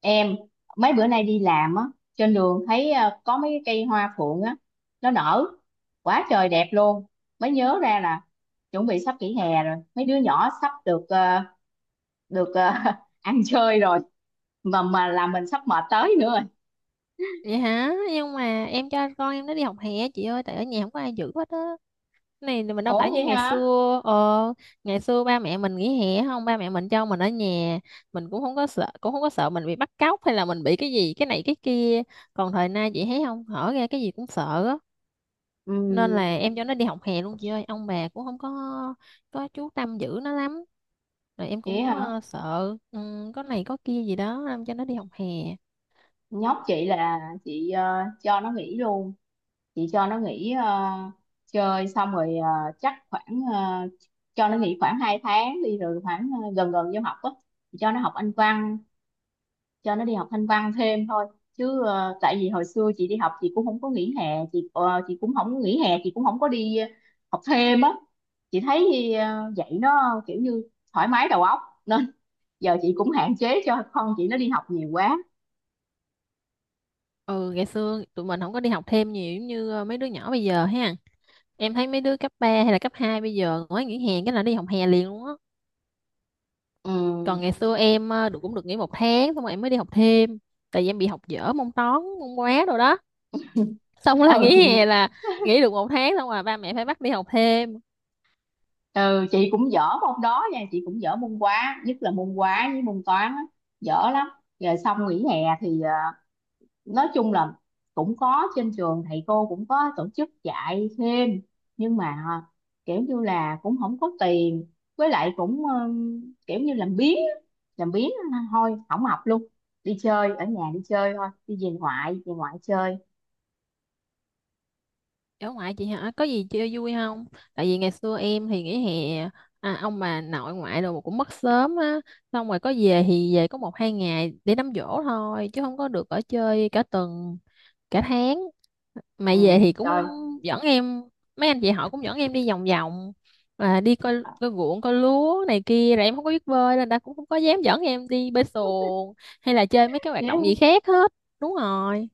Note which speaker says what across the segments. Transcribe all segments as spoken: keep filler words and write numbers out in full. Speaker 1: Em mấy bữa nay đi làm á, trên đường thấy ờ, có mấy cái cây hoa phượng á, nó nở quá trời đẹp luôn. Mới nhớ ra là chuẩn bị sắp nghỉ hè rồi, mấy đứa nhỏ sắp được ờ, được ờ, ăn chơi rồi. Mà mà làm mình sắp mệt tới nữa rồi.
Speaker 2: Vậy hả? Nhưng mà em cho con em nó đi học hè chị ơi, tại ở nhà không có ai giữ hết á. Này thì mình đâu
Speaker 1: Ủa
Speaker 2: phải như
Speaker 1: vậy
Speaker 2: ngày
Speaker 1: hả?
Speaker 2: xưa. ờ Ngày xưa ba mẹ mình nghỉ hè không, ba mẹ mình cho mình ở nhà. Mình cũng không có sợ cũng không có sợ mình bị bắt cóc hay là mình bị cái gì cái này cái kia. Còn thời nay chị thấy không, hở ra cái gì cũng sợ á. Nên là
Speaker 1: Ừ
Speaker 2: em cho nó đi học hè luôn chị ơi, ông bà cũng không có có chú tâm giữ nó lắm. Rồi em
Speaker 1: vậy
Speaker 2: cũng
Speaker 1: hả?
Speaker 2: ờ, sợ ừ, có này có kia gì đó, em cho nó đi học hè.
Speaker 1: Nhóc chị là chị ờ, cho nó nghỉ luôn, chị cho nó nghỉ ờ, chơi xong rồi, ờ, chắc khoảng, ờ, cho nó nghỉ khoảng hai tháng đi rồi khoảng ờ, gần gần vô học á, chị cho nó học Anh văn, cho nó đi học Anh văn thêm thôi. Chứ ờ, tại vì hồi xưa chị đi học chị cũng không có nghỉ hè, chị ờ, chị cũng không nghỉ hè, chị cũng không có đi ờ, học thêm á. Chị thấy ờ, vậy nó kiểu như thoải mái đầu óc, nên giờ chị cũng hạn chế cho con chị nó đi học nhiều quá.
Speaker 2: Ừ, ngày xưa tụi mình không có đi học thêm nhiều giống như ờ, mấy đứa nhỏ bây giờ ha. Em thấy mấy đứa cấp ba hay là cấp hai bây giờ nói nghỉ hè cái là đi học hè liền luôn á. Còn
Speaker 1: Ừ.
Speaker 2: ngày xưa em ờ, được cũng được nghỉ một tháng, xong rồi em mới đi học thêm. Tại vì em bị học dở môn toán môn hóa đồ đó. Xong là
Speaker 1: Ừ
Speaker 2: nghỉ hè
Speaker 1: chị.
Speaker 2: là nghỉ được một tháng, xong rồi ba mẹ phải bắt đi học thêm.
Speaker 1: Ừ chị cũng dở môn đó nha, chị cũng dở môn hóa, nhất là môn hóa với môn toán á, dở lắm. Rồi xong nghỉ hè thì ờ, nói chung là cũng có trên trường thầy cô cũng có tổ chức dạy thêm, nhưng mà ờ, kiểu như là cũng không có tiền, với lại cũng ờ, kiểu như làm biếng á, làm biếng á, thôi không học luôn, đi chơi, ở nhà đi chơi thôi, đi về ngoại, về ngoại chơi.
Speaker 2: Ở ngoại chị hả? Có gì chơi vui không? Tại vì ngày xưa em thì nghỉ hè à, ông bà nội ngoại đồ cũng mất sớm á. Xong rồi có về thì về có một hai ngày để đám giỗ thôi, chứ không có được ở chơi cả tuần, cả tháng. Mà
Speaker 1: Ừ.
Speaker 2: về thì cũng
Speaker 1: Trời.
Speaker 2: dẫn em, mấy anh chị họ cũng dẫn em đi vòng vòng à, đi coi coi ruộng coi lúa này kia, rồi em không có biết bơi nên đã cũng không có dám dẫn em đi bơi xuồng hay là chơi mấy cái
Speaker 1: Dạ.
Speaker 2: hoạt động gì khác hết. Đúng rồi.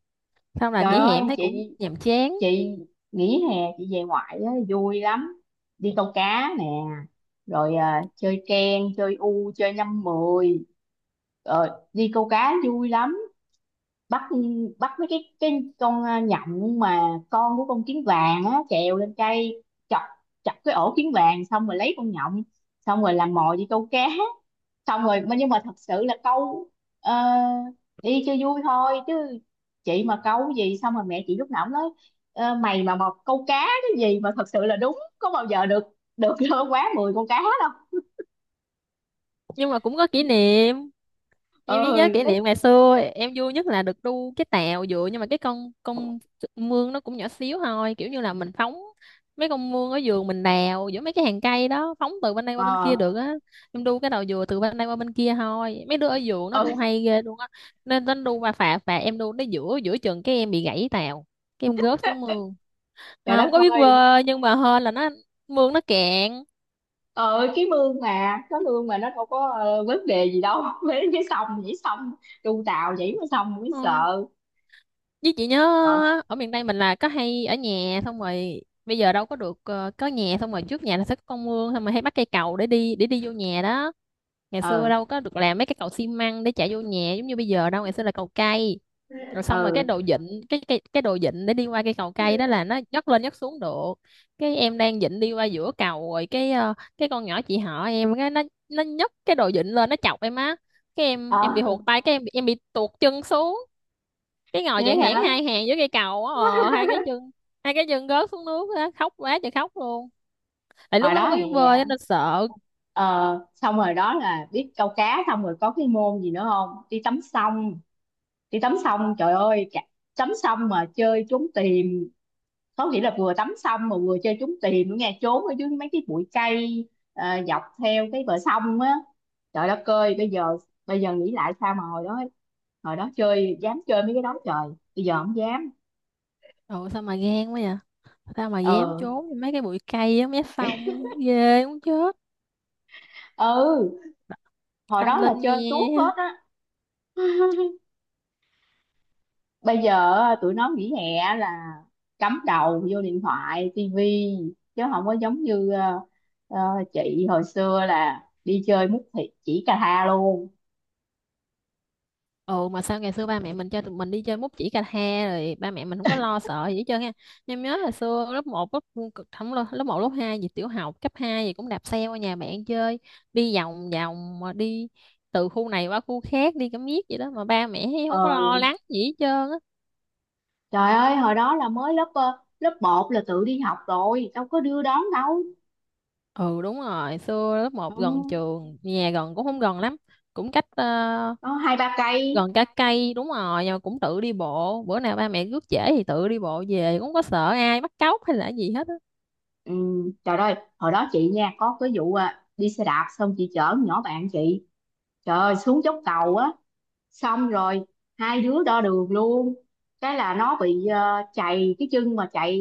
Speaker 2: Xong là
Speaker 1: Trời
Speaker 2: nghỉ hè
Speaker 1: ơi
Speaker 2: em thấy cũng
Speaker 1: chị
Speaker 2: nhàm chán.
Speaker 1: chị nghỉ hè chị về ngoại á, vui lắm, đi câu cá nè, rồi à, chơi ken, chơi u, chơi năm mười. Ờ, đi câu cá vui lắm. Bắt, bắt mấy cái cái con à, nhộng mà, con của con kiến vàng á, trèo lên cây chọc, chọc cái ổ kiến vàng, xong rồi lấy con nhộng, xong rồi làm mồi đi câu cá. Xong rồi nhưng mà thật sự là câu ờ, đi cho vui thôi, chứ chị mà câu gì xong rồi mẹ chị lúc nào cũng nói: "Ờ, mày mà một câu cá cái gì mà thật sự là đúng có bao giờ được được quá mười con cá đâu."
Speaker 2: Nhưng mà cũng có kỷ niệm, em chỉ nhớ
Speaker 1: Ơi
Speaker 2: kỷ
Speaker 1: nó.
Speaker 2: niệm ngày xưa em vui nhất là được đu cái tàu dựa, nhưng mà cái con con mương nó cũng nhỏ xíu thôi, kiểu như là mình phóng mấy con mương ở vườn mình đào giữa mấy cái hàng cây đó, phóng từ bên đây qua bên kia
Speaker 1: Ờ.
Speaker 2: được á. Em đu cái đầu dừa từ bên đây qua bên kia thôi, mấy đứa ở vườn nó đu
Speaker 1: Ơi.
Speaker 2: hay ghê luôn á. Nên nó đu qua phà phà, em đu tới giữa giữa chừng cái em bị gãy tàu. Cái em gớt xuống mương.
Speaker 1: Trời
Speaker 2: À, không
Speaker 1: đất
Speaker 2: có biết
Speaker 1: ơi.
Speaker 2: bơi nhưng mà hên là nó mương nó cạn.
Speaker 1: Ờ cái mương mà cái mương mà nó đâu có ờ, vấn đề gì đâu với cái sông, nhảy sông, tu tàu nhảy mới sông mới
Speaker 2: Ừ,
Speaker 1: sợ.
Speaker 2: với chị nhớ
Speaker 1: Rồi.
Speaker 2: ở miền Tây mình là có hay ở nhà, xong rồi bây giờ đâu có được ờ, có nhà, xong rồi trước nhà là sẽ có con mương, xong rồi hay bắt cây cầu để đi để đi vô nhà đó. Ngày xưa
Speaker 1: Ừ.
Speaker 2: đâu có được làm mấy cái cầu xi măng để chạy vô nhà giống như bây giờ đâu, ngày xưa là cầu cây. Rồi xong rồi cái
Speaker 1: Ừ.
Speaker 2: đồ vịn cái cái cái đồ vịn để đi qua cây cầu cây đó là nó nhấc lên nhấc xuống được. Cái em đang vịn đi qua giữa cầu rồi cái ờ, cái con nhỏ chị họ em cái nó nó nhấc cái đồ vịn lên, nó chọc em á. Cái em
Speaker 1: Ờ.
Speaker 2: em bị hụt tay, cái em bị, em bị tuột chân xuống, cái ngồi
Speaker 1: Thế
Speaker 2: dạng hẻn
Speaker 1: hả?
Speaker 2: hai hàng với cây cầu á, ờ, hai cái chân hai cái chân rớt xuống nước á, khóc quá trời khóc luôn, tại lúc
Speaker 1: Hồi
Speaker 2: đó không
Speaker 1: đó
Speaker 2: có biết bơi á,
Speaker 1: hè.
Speaker 2: nên sợ.
Speaker 1: Ờ, xong rồi đó là biết câu cá, xong rồi có cái môn gì nữa không, đi tắm sông. Đi tắm sông trời ơi, cả- tắm sông mà chơi trốn tìm, có nghĩa là vừa tắm sông mà vừa chơi trốn tìm nữa nghe, trốn ở dưới mấy cái bụi cây ờ, dọc theo cái bờ sông á. Trời đất ơi, bây giờ bây giờ nghĩ lại sao mà hồi đó, hồi đó chơi dám chơi mấy cái đó, trời, bây giờ không dám.
Speaker 2: Ồ, sao mà gan quá vậy. Sao mà dám
Speaker 1: Ờ.
Speaker 2: trốn vô mấy cái bụi cây á, mấy sông ghê muốn chết.
Speaker 1: Ừ. Hồi
Speaker 2: Tâm
Speaker 1: đó là
Speaker 2: linh
Speaker 1: chơi tuốt hết
Speaker 2: nha.
Speaker 1: á. Bây giờ á, tụi nó nghỉ hè là cắm đầu vô điện thoại, tivi, chứ không có giống như ờ, ờ, chị hồi xưa là đi chơi mút thịt chỉ cà tha luôn.
Speaker 2: Ừ, mà sao ngày xưa ba mẹ mình cho tụi mình đi chơi múc chỉ cà he rồi ba mẹ mình không có lo sợ gì hết trơn á. Em nhớ là xưa lớp một, lớp không, lớp lớp một lớp hai gì, tiểu học cấp hai gì, cũng đạp xe qua nhà bạn chơi, đi vòng vòng mà đi từ khu này qua khu khác, đi cả miết vậy đó mà ba mẹ thấy không có lo
Speaker 1: ờ,
Speaker 2: lắng gì hết trơn á.
Speaker 1: trời ơi hồi đó là mới lớp ờ, lớp một là tự đi học rồi, đâu có đưa đón đâu.
Speaker 2: Ừ đúng rồi, xưa lớp
Speaker 1: Ừ,
Speaker 2: một gần trường, nhà gần cũng không gần lắm, cũng cách ờ,
Speaker 1: có hai ba cây.
Speaker 2: gần cả cây đúng rồi, nhưng mà cũng tự đi bộ, bữa nào ba mẹ rước trễ thì tự đi bộ về, cũng không có sợ ai bắt cóc hay là gì hết á.
Speaker 1: Ừ, trời ơi hồi đó chị nha, có cái vụ à, đi xe đạp, xong chị chở con nhỏ bạn chị, trời ơi, xuống dốc cầu á, xong rồi hai đứa đo đường luôn. Cái là nó bị ờ, chạy cái chân mà chạy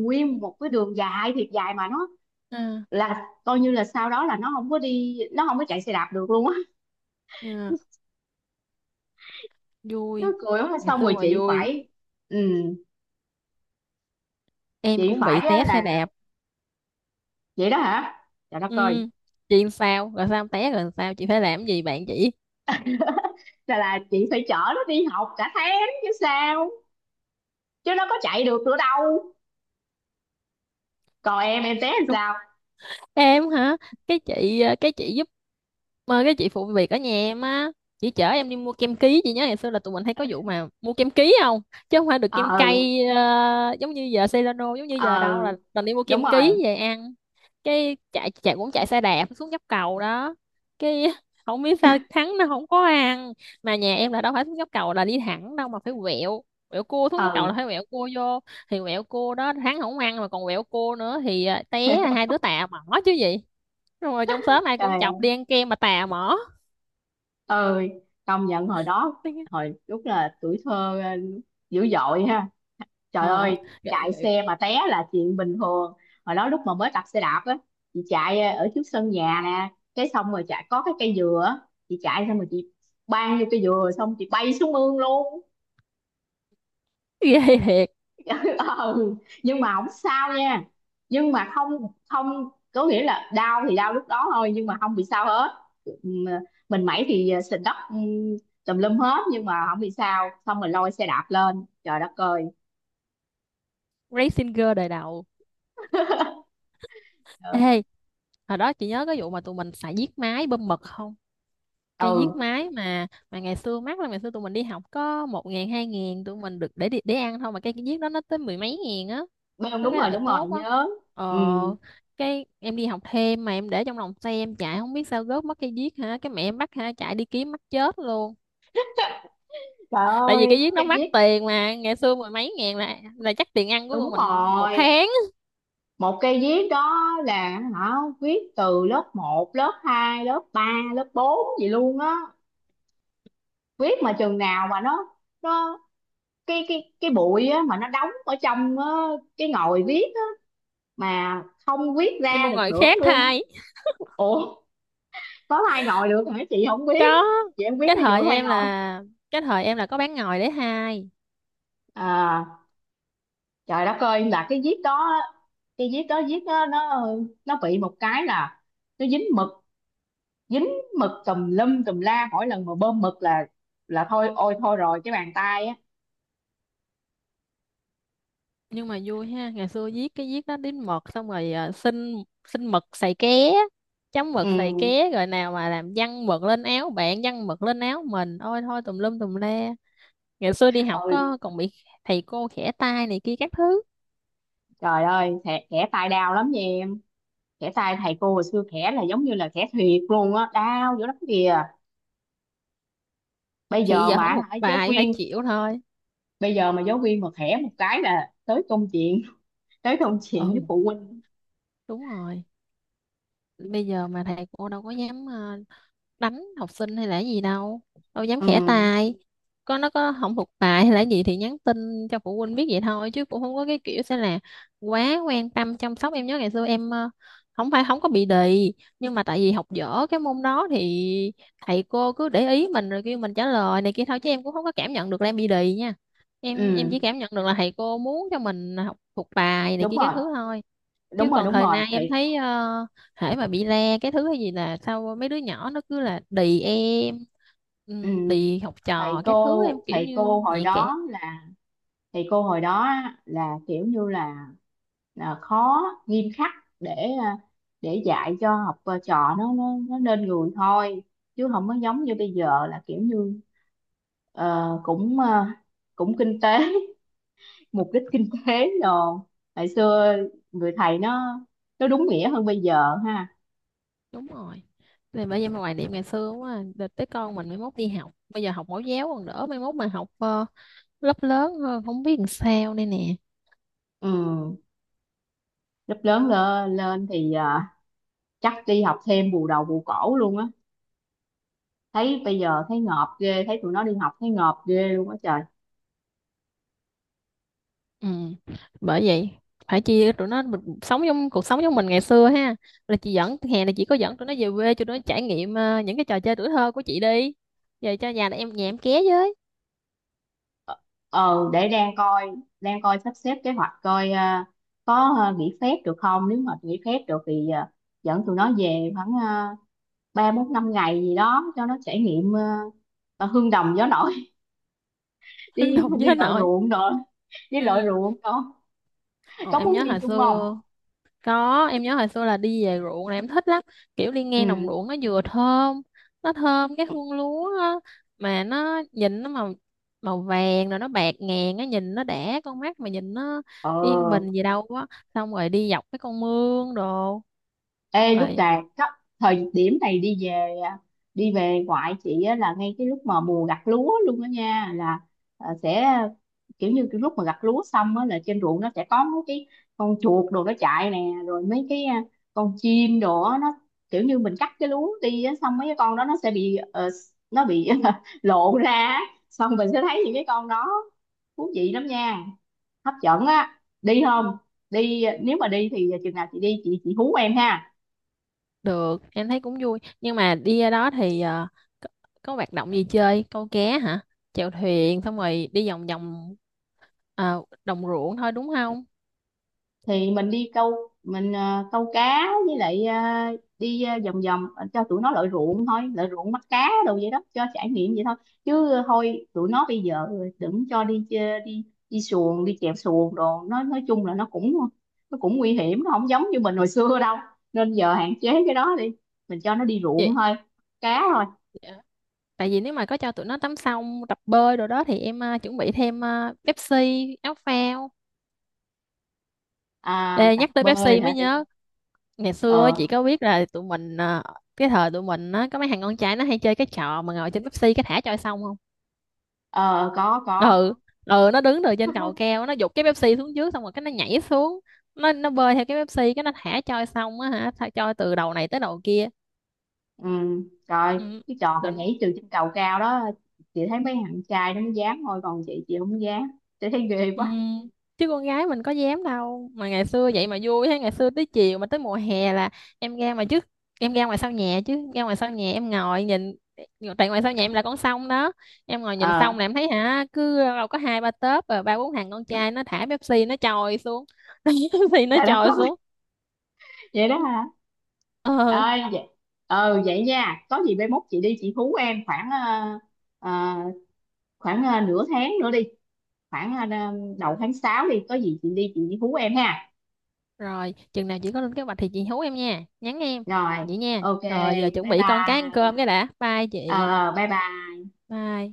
Speaker 1: nguyên một cái đường dài thiệt dài mà nó
Speaker 2: Ừ.
Speaker 1: là coi như là sau đó là nó không có đi nó không có chạy xe đạp được luôn á.
Speaker 2: Dạ,
Speaker 1: Nó
Speaker 2: vui,
Speaker 1: cười quá
Speaker 2: ngày
Speaker 1: xong
Speaker 2: xưa
Speaker 1: rồi
Speaker 2: mà
Speaker 1: chị
Speaker 2: vui,
Speaker 1: phải. Ừ,
Speaker 2: em
Speaker 1: chị
Speaker 2: cũng
Speaker 1: phải
Speaker 2: bị
Speaker 1: á
Speaker 2: té xe
Speaker 1: là
Speaker 2: đạp.
Speaker 1: vậy đó hả, trời đất ơi,
Speaker 2: Ừ. Chị sao rồi, sao té rồi sao chị phải làm cái gì bạn chị?
Speaker 1: là là chị phải chở nó đi học cả tháng chứ sao, chứ nó có chạy được nữa đâu. Còn em em té làm sao?
Speaker 2: Em hả? Cái chị ờ, cái chị giúp, mà cái chị phụ việc ở nhà em á. Chị chở em đi mua kem ký, chị nhớ ngày xưa là tụi mình hay có vụ mà mua kem ký không? Chứ không phải được kem
Speaker 1: Ờ.
Speaker 2: cay ờ, giống như giờ Celano giống như giờ
Speaker 1: Ờ.
Speaker 2: đâu, là toàn đi mua
Speaker 1: Đúng
Speaker 2: kem ký
Speaker 1: rồi.
Speaker 2: về ăn. Cái chạy chạy cũng chạy xe đạp xuống dốc cầu đó, cái không biết sao thắng nó không có ăn. Mà nhà em là đâu phải xuống dốc cầu là đi thẳng đâu, mà phải quẹo quẹo cua xuống dốc cầu là
Speaker 1: Ừ.
Speaker 2: phải quẹo cua vô. Thì quẹo cua đó hắn không ăn mà còn quẹo cua nữa thì à, té à, hai đứa tà mỏ chứ gì. Xong rồi trong xóm ai cũng chọc đi ăn kem mà tà mỏ.
Speaker 1: Ừ. Công nhận hồi đó, hồi lúc là tuổi thơ ờ, dữ dội ha. Trời
Speaker 2: ờ
Speaker 1: ơi, chạy
Speaker 2: Ghê,
Speaker 1: xe mà té là chuyện bình thường. Hồi đó lúc mà mới tập xe đạp á, chị chạy ờ, ở trước sân nhà nè, cái xong rồi chạy có cái cây dừa á, chị chạy xong rồi chị bang vô cây dừa, xong chị bay xuống mương luôn.
Speaker 2: ghê thiệt.
Speaker 1: Ừ. Nhưng mà không sao nha, nhưng mà không không có nghĩa là đau thì đau lúc đó thôi nhưng mà không bị sao hết. Ừm, mình mẩy thì sình đất, ừm, tùm lum hết nhưng mà không bị sao, xong rồi lôi xe đạp lên, trời đất ơi.
Speaker 2: Racing Girl đời đầu.
Speaker 1: Ừ.
Speaker 2: Ê, hồi đó chị nhớ cái vụ mà tụi mình xài viết máy bơm mật không? Cái viết
Speaker 1: Ừ,
Speaker 2: máy mà mà ngày xưa mắc lắm, ngày xưa tụi mình đi học có một ngàn hai ngàn tụi mình được để đi- để ăn thôi, mà cái viết đó nó tới mười mấy ngàn á.
Speaker 1: bê-
Speaker 2: Có
Speaker 1: đúng
Speaker 2: cái
Speaker 1: rồi,
Speaker 2: lợi
Speaker 1: đúng rồi,
Speaker 2: tốt á.
Speaker 1: nhớ. Ừ.
Speaker 2: Ờ cái em đi học thêm mà em để trong lòng xe em chạy không biết sao gớt mất cây viết hả, cái mẹ em bắt hả, chạy đi kiếm mắc chết luôn.
Speaker 1: Trời
Speaker 2: Tại vì cái
Speaker 1: ơi cái
Speaker 2: viết nó
Speaker 1: cây
Speaker 2: mắc
Speaker 1: viết,
Speaker 2: tiền mà, ngày xưa mười mấy ngàn là là chắc tiền ăn của
Speaker 1: đúng
Speaker 2: tụi mình một
Speaker 1: rồi,
Speaker 2: tháng.
Speaker 1: một cây viết đó là, hả, viết từ lớp một, lớp hai, lớp ba, lớp bốn gì luôn á. Viết mà chừng nào mà nó nó cái cái cái bụi á mà nó đóng ở trong á, cái ngòi viết á, mà không viết
Speaker 2: Đi
Speaker 1: ra
Speaker 2: mua
Speaker 1: được
Speaker 2: ngồi
Speaker 1: nữa
Speaker 2: khác
Speaker 1: luôn
Speaker 2: thay.
Speaker 1: á. Ủa, có thay ngồi được hả chị, không biết,
Speaker 2: Có,
Speaker 1: chị không biết
Speaker 2: cái
Speaker 1: cái
Speaker 2: thời
Speaker 1: vụ thay
Speaker 2: em
Speaker 1: ngồi.
Speaker 2: là cái thời em là có bán ngồi để hai.
Speaker 1: À trời đất ơi là cái viết đó á, cái viết đó viết đó, nó nó bị một cái là nó dính mực, dính mực tùm lum tùm la, mỗi lần mà bơm mực là là thôi, ôi thôi rồi, cái bàn tay á.
Speaker 2: Nhưng mà vui ha, ngày xưa viết cái viết đó đến mực xong rồi à, xin xin mực xài ké, chấm mực xài
Speaker 1: Ừ.
Speaker 2: ké rồi nào mà làm văng mực lên áo bạn, văng mực lên áo mình, ôi thôi tùm lum tùm le. Ngày xưa đi học
Speaker 1: Ôi.
Speaker 2: có còn bị thầy cô khẽ tay này kia các thứ.
Speaker 1: Trời ơi, thẻ, thẻ tay đau lắm nha, khẽ tay thầy cô hồi xưa khẽ là giống như là khẽ thiệt luôn á, đau dữ lắm kìa, bây
Speaker 2: Thì
Speaker 1: giờ
Speaker 2: giờ
Speaker 1: mà.
Speaker 2: không học
Speaker 1: Hả, giáo
Speaker 2: bài phải
Speaker 1: viên,
Speaker 2: chịu thôi.
Speaker 1: bây giờ mà giáo viên mà khẽ một cái là tới công chuyện. Tới công chuyện với
Speaker 2: Ừ
Speaker 1: phụ huynh.
Speaker 2: đúng rồi, bây giờ mà thầy cô đâu có dám ờ, đánh học sinh hay là cái gì đâu, đâu dám khẽ
Speaker 1: Ừ.
Speaker 2: tay. Có nó có không thuộc bài hay là gì thì nhắn tin cho phụ huynh biết vậy thôi, chứ cũng không có cái kiểu sẽ là quá quan tâm chăm sóc. Em nhớ ngày xưa em ờ, không phải không có bị đì, nhưng mà tại vì học dở cái môn đó thì thầy cô cứ để ý mình rồi kêu mình trả lời này kia thôi, chứ em cũng không có cảm nhận được là em bị đì nha. Em em
Speaker 1: Ừ.
Speaker 2: chỉ cảm nhận được là thầy cô muốn cho mình học thuộc bài này
Speaker 1: Đúng
Speaker 2: kia các
Speaker 1: rồi.
Speaker 2: thứ thôi. Chứ
Speaker 1: Đúng rồi,
Speaker 2: còn
Speaker 1: đúng
Speaker 2: thời
Speaker 1: rồi
Speaker 2: nay em
Speaker 1: thầy.
Speaker 2: thấy uh, hễ mà bị le cái thứ hay gì là sao mấy đứa nhỏ nó cứ là đì em.
Speaker 1: Ừ.
Speaker 2: Ừ, đì học
Speaker 1: Thầy
Speaker 2: trò các thứ, em
Speaker 1: cô,
Speaker 2: kiểu
Speaker 1: thầy cô
Speaker 2: như
Speaker 1: hồi
Speaker 2: nhạy cảm.
Speaker 1: đó là thầy cô hồi đó á, là kiểu như là, là khó, nghiêm khắc, để à, để dạy cho học à, trò nó nó, nó nên người thôi, chứ không có giống như bây giờ là kiểu như. Ờ, cũng ờ, cũng kinh tế. Mục đích kinh tế rồi, ngày xưa người thầy nó nó đúng nghĩa hơn bây giờ ha.
Speaker 2: Đúng rồi, thì bây giờ mà hoài niệm ngày xưa quá à. Đợt tới con mình mới mốt đi học, bây giờ học mẫu giáo còn đỡ, mai mốt mà học ờ, lớp lớn hơn không biết làm sao đây nè.
Speaker 1: Ừ, lớp lớn lên, lên thì ờ, chắc đi học thêm bù đầu bù cổ luôn á. Thấy bây giờ thấy ngợp ghê, thấy tụi nó đi học thấy ngợp ghê luôn á, trời.
Speaker 2: Ừ. Bởi vậy phải chia tụi nó mình sống trong cuộc sống giống mình ngày xưa ha, là chị dẫn, hè này chị có dẫn tụi nó về quê cho nó trải nghiệm ờ, những cái trò chơi tuổi thơ của chị đi. Về cho nhà này em, nhà em ké với.
Speaker 1: Ờ, để đang coi, đang coi sắp xếp kế hoạch, coi ờ, có ờ, nghỉ phép được không, nếu mà nghỉ phép được thì ờ, dẫn tụi nó về khoảng ờ, ba bốn năm ngày gì đó, cho nó trải nghiệm ờ, ờ, hương đồng gió nổi.
Speaker 2: Hương
Speaker 1: Đi
Speaker 2: đồng
Speaker 1: đi
Speaker 2: với
Speaker 1: lội
Speaker 2: nội.
Speaker 1: ruộng rồi, đi lội
Speaker 2: Ừ.
Speaker 1: ruộng con,
Speaker 2: Ồ,
Speaker 1: có
Speaker 2: em
Speaker 1: muốn
Speaker 2: nhớ
Speaker 1: đi
Speaker 2: hồi
Speaker 1: chung không?
Speaker 2: xưa. Có, em nhớ hồi xưa là đi về ruộng là em thích lắm. Kiểu đi ngang đồng
Speaker 1: Ừ.
Speaker 2: ruộng nó vừa thơm, nó thơm cái hương lúa á, mà nó nhìn nó màu màu vàng rồi nó bạc ngàn, nó nhìn nó đã con mắt, mà nhìn nó
Speaker 1: Ờ.
Speaker 2: yên bình gì đâu á. Xong rồi đi dọc cái con mương đồ.
Speaker 1: Ê, lúc
Speaker 2: Rồi,
Speaker 1: là có- thời điểm này đi về, đi về ngoại chị á, là ngay cái lúc mà mùa gặt lúa luôn đó nha, là ờ, sẽ kiểu như cái lúc mà gặt lúa xong á, là trên ruộng nó sẽ có mấy cái con chuột đồ nó chạy nè, rồi mấy cái ờ, con chim đồ á, nó kiểu như mình cắt cái lúa đi á, xong mấy cái con đó nó sẽ bị ờ, nó bị lộ ra á. Xong mình sẽ thấy những cái con đó thú vị lắm nha, hấp dẫn á, đi không? Đi ờ, nếu mà đi thì chừng nào chị đi chị chị hú em ha.
Speaker 2: được, em thấy cũng vui. Nhưng mà đi ra đó thì ờ, có, có hoạt động gì chơi? Câu cá hả? Chèo thuyền xong rồi đi vòng vòng ờ, đồng ruộng thôi đúng không?
Speaker 1: Thì mình đi câu, mình ờ, câu cá, với lại ờ, đi ờ, vòng vòng, ờ, cho tụi nó lội ruộng thôi, lội ruộng bắt cá đồ vậy đó, cho trải nghiệm vậy thôi, chứ ờ, thôi tụi nó bây giờ đừng cho đi chê- đi đi xuồng đi chèo xuồng đồ, nó nói chung là nó cũng nó cũng nguy hiểm, nó không giống như mình hồi xưa đâu, nên giờ hạn chế cái đó đi, mình cho nó đi ruộng thôi, cá thôi.
Speaker 2: Vậy, tại vì nếu mà có cho tụi nó tắm xong tập bơi rồi đó thì em ờ, chuẩn bị thêm ờ, Pepsi áo phao.
Speaker 1: À,
Speaker 2: Ê,
Speaker 1: tập
Speaker 2: nhắc tới
Speaker 1: bơi
Speaker 2: Pepsi mới
Speaker 1: hả, để.
Speaker 2: nhớ, ngày xưa á, chị
Speaker 1: Ờ.
Speaker 2: có biết là tụi mình ờ, cái thời tụi mình á, có mấy thằng con trai nó hay chơi cái trò mà ngồi trên Pepsi cái thả trôi sông không?
Speaker 1: Ờ, có có.
Speaker 2: Ừ. Ừ. Nó đứng từ trên cầu keo nó giục cái Pepsi xuống trước, xong rồi cái nó nhảy xuống. Nó nó bơi theo cái Pepsi, cái nó thả trôi sông á hả, thả trôi từ đầu này tới đầu kia.
Speaker 1: Ừ. Rồi cái trò mà
Speaker 2: Ừ.
Speaker 1: nhảy từ trên cầu cao đó, chị thấy mấy thằng trai nó mới dám thôi, còn chị, chị không dám, chị thấy ghê
Speaker 2: Ừ,
Speaker 1: quá.
Speaker 2: chứ con gái mình có dám đâu, mà ngày xưa vậy mà vui thế, ngày xưa tới chiều mà tới mùa hè là em ra mà trước, em ra ngoài sau nhà, chứ ra ngoài sau nhà em ngồi nhìn. Tại ngoài sau nhà em là con sông đó, em ngồi nhìn sông là
Speaker 1: Ờ.
Speaker 2: em thấy hả, cứ đâu có hai ba tớp rồi ba bốn thằng con trai nó thả Pepsi nó trồi xuống, Pepsi nó
Speaker 1: Trời đất
Speaker 2: trồi
Speaker 1: ơi.
Speaker 2: xuống.
Speaker 1: Vậy đó hả.
Speaker 2: ờ
Speaker 1: Ơi vậy. Ờ vậy nha, có gì mai mốt chị đi chị hú em khoảng ờ, ờ, khoảng ờ, nửa tháng nữa đi, khoảng ờ, đầu tháng sáu đi, có gì chị đi chị hú em ha.
Speaker 2: rồi chừng nào chị có lên kế hoạch thì chị hú em nha, nhắn em.
Speaker 1: Rồi.
Speaker 2: Vậy nha,
Speaker 1: OK.
Speaker 2: rồi giờ chuẩn
Speaker 1: Bye
Speaker 2: bị con cái ăn
Speaker 1: bye.
Speaker 2: cơm cái đã. Bye chị.
Speaker 1: Ờ bye bye.
Speaker 2: Bye.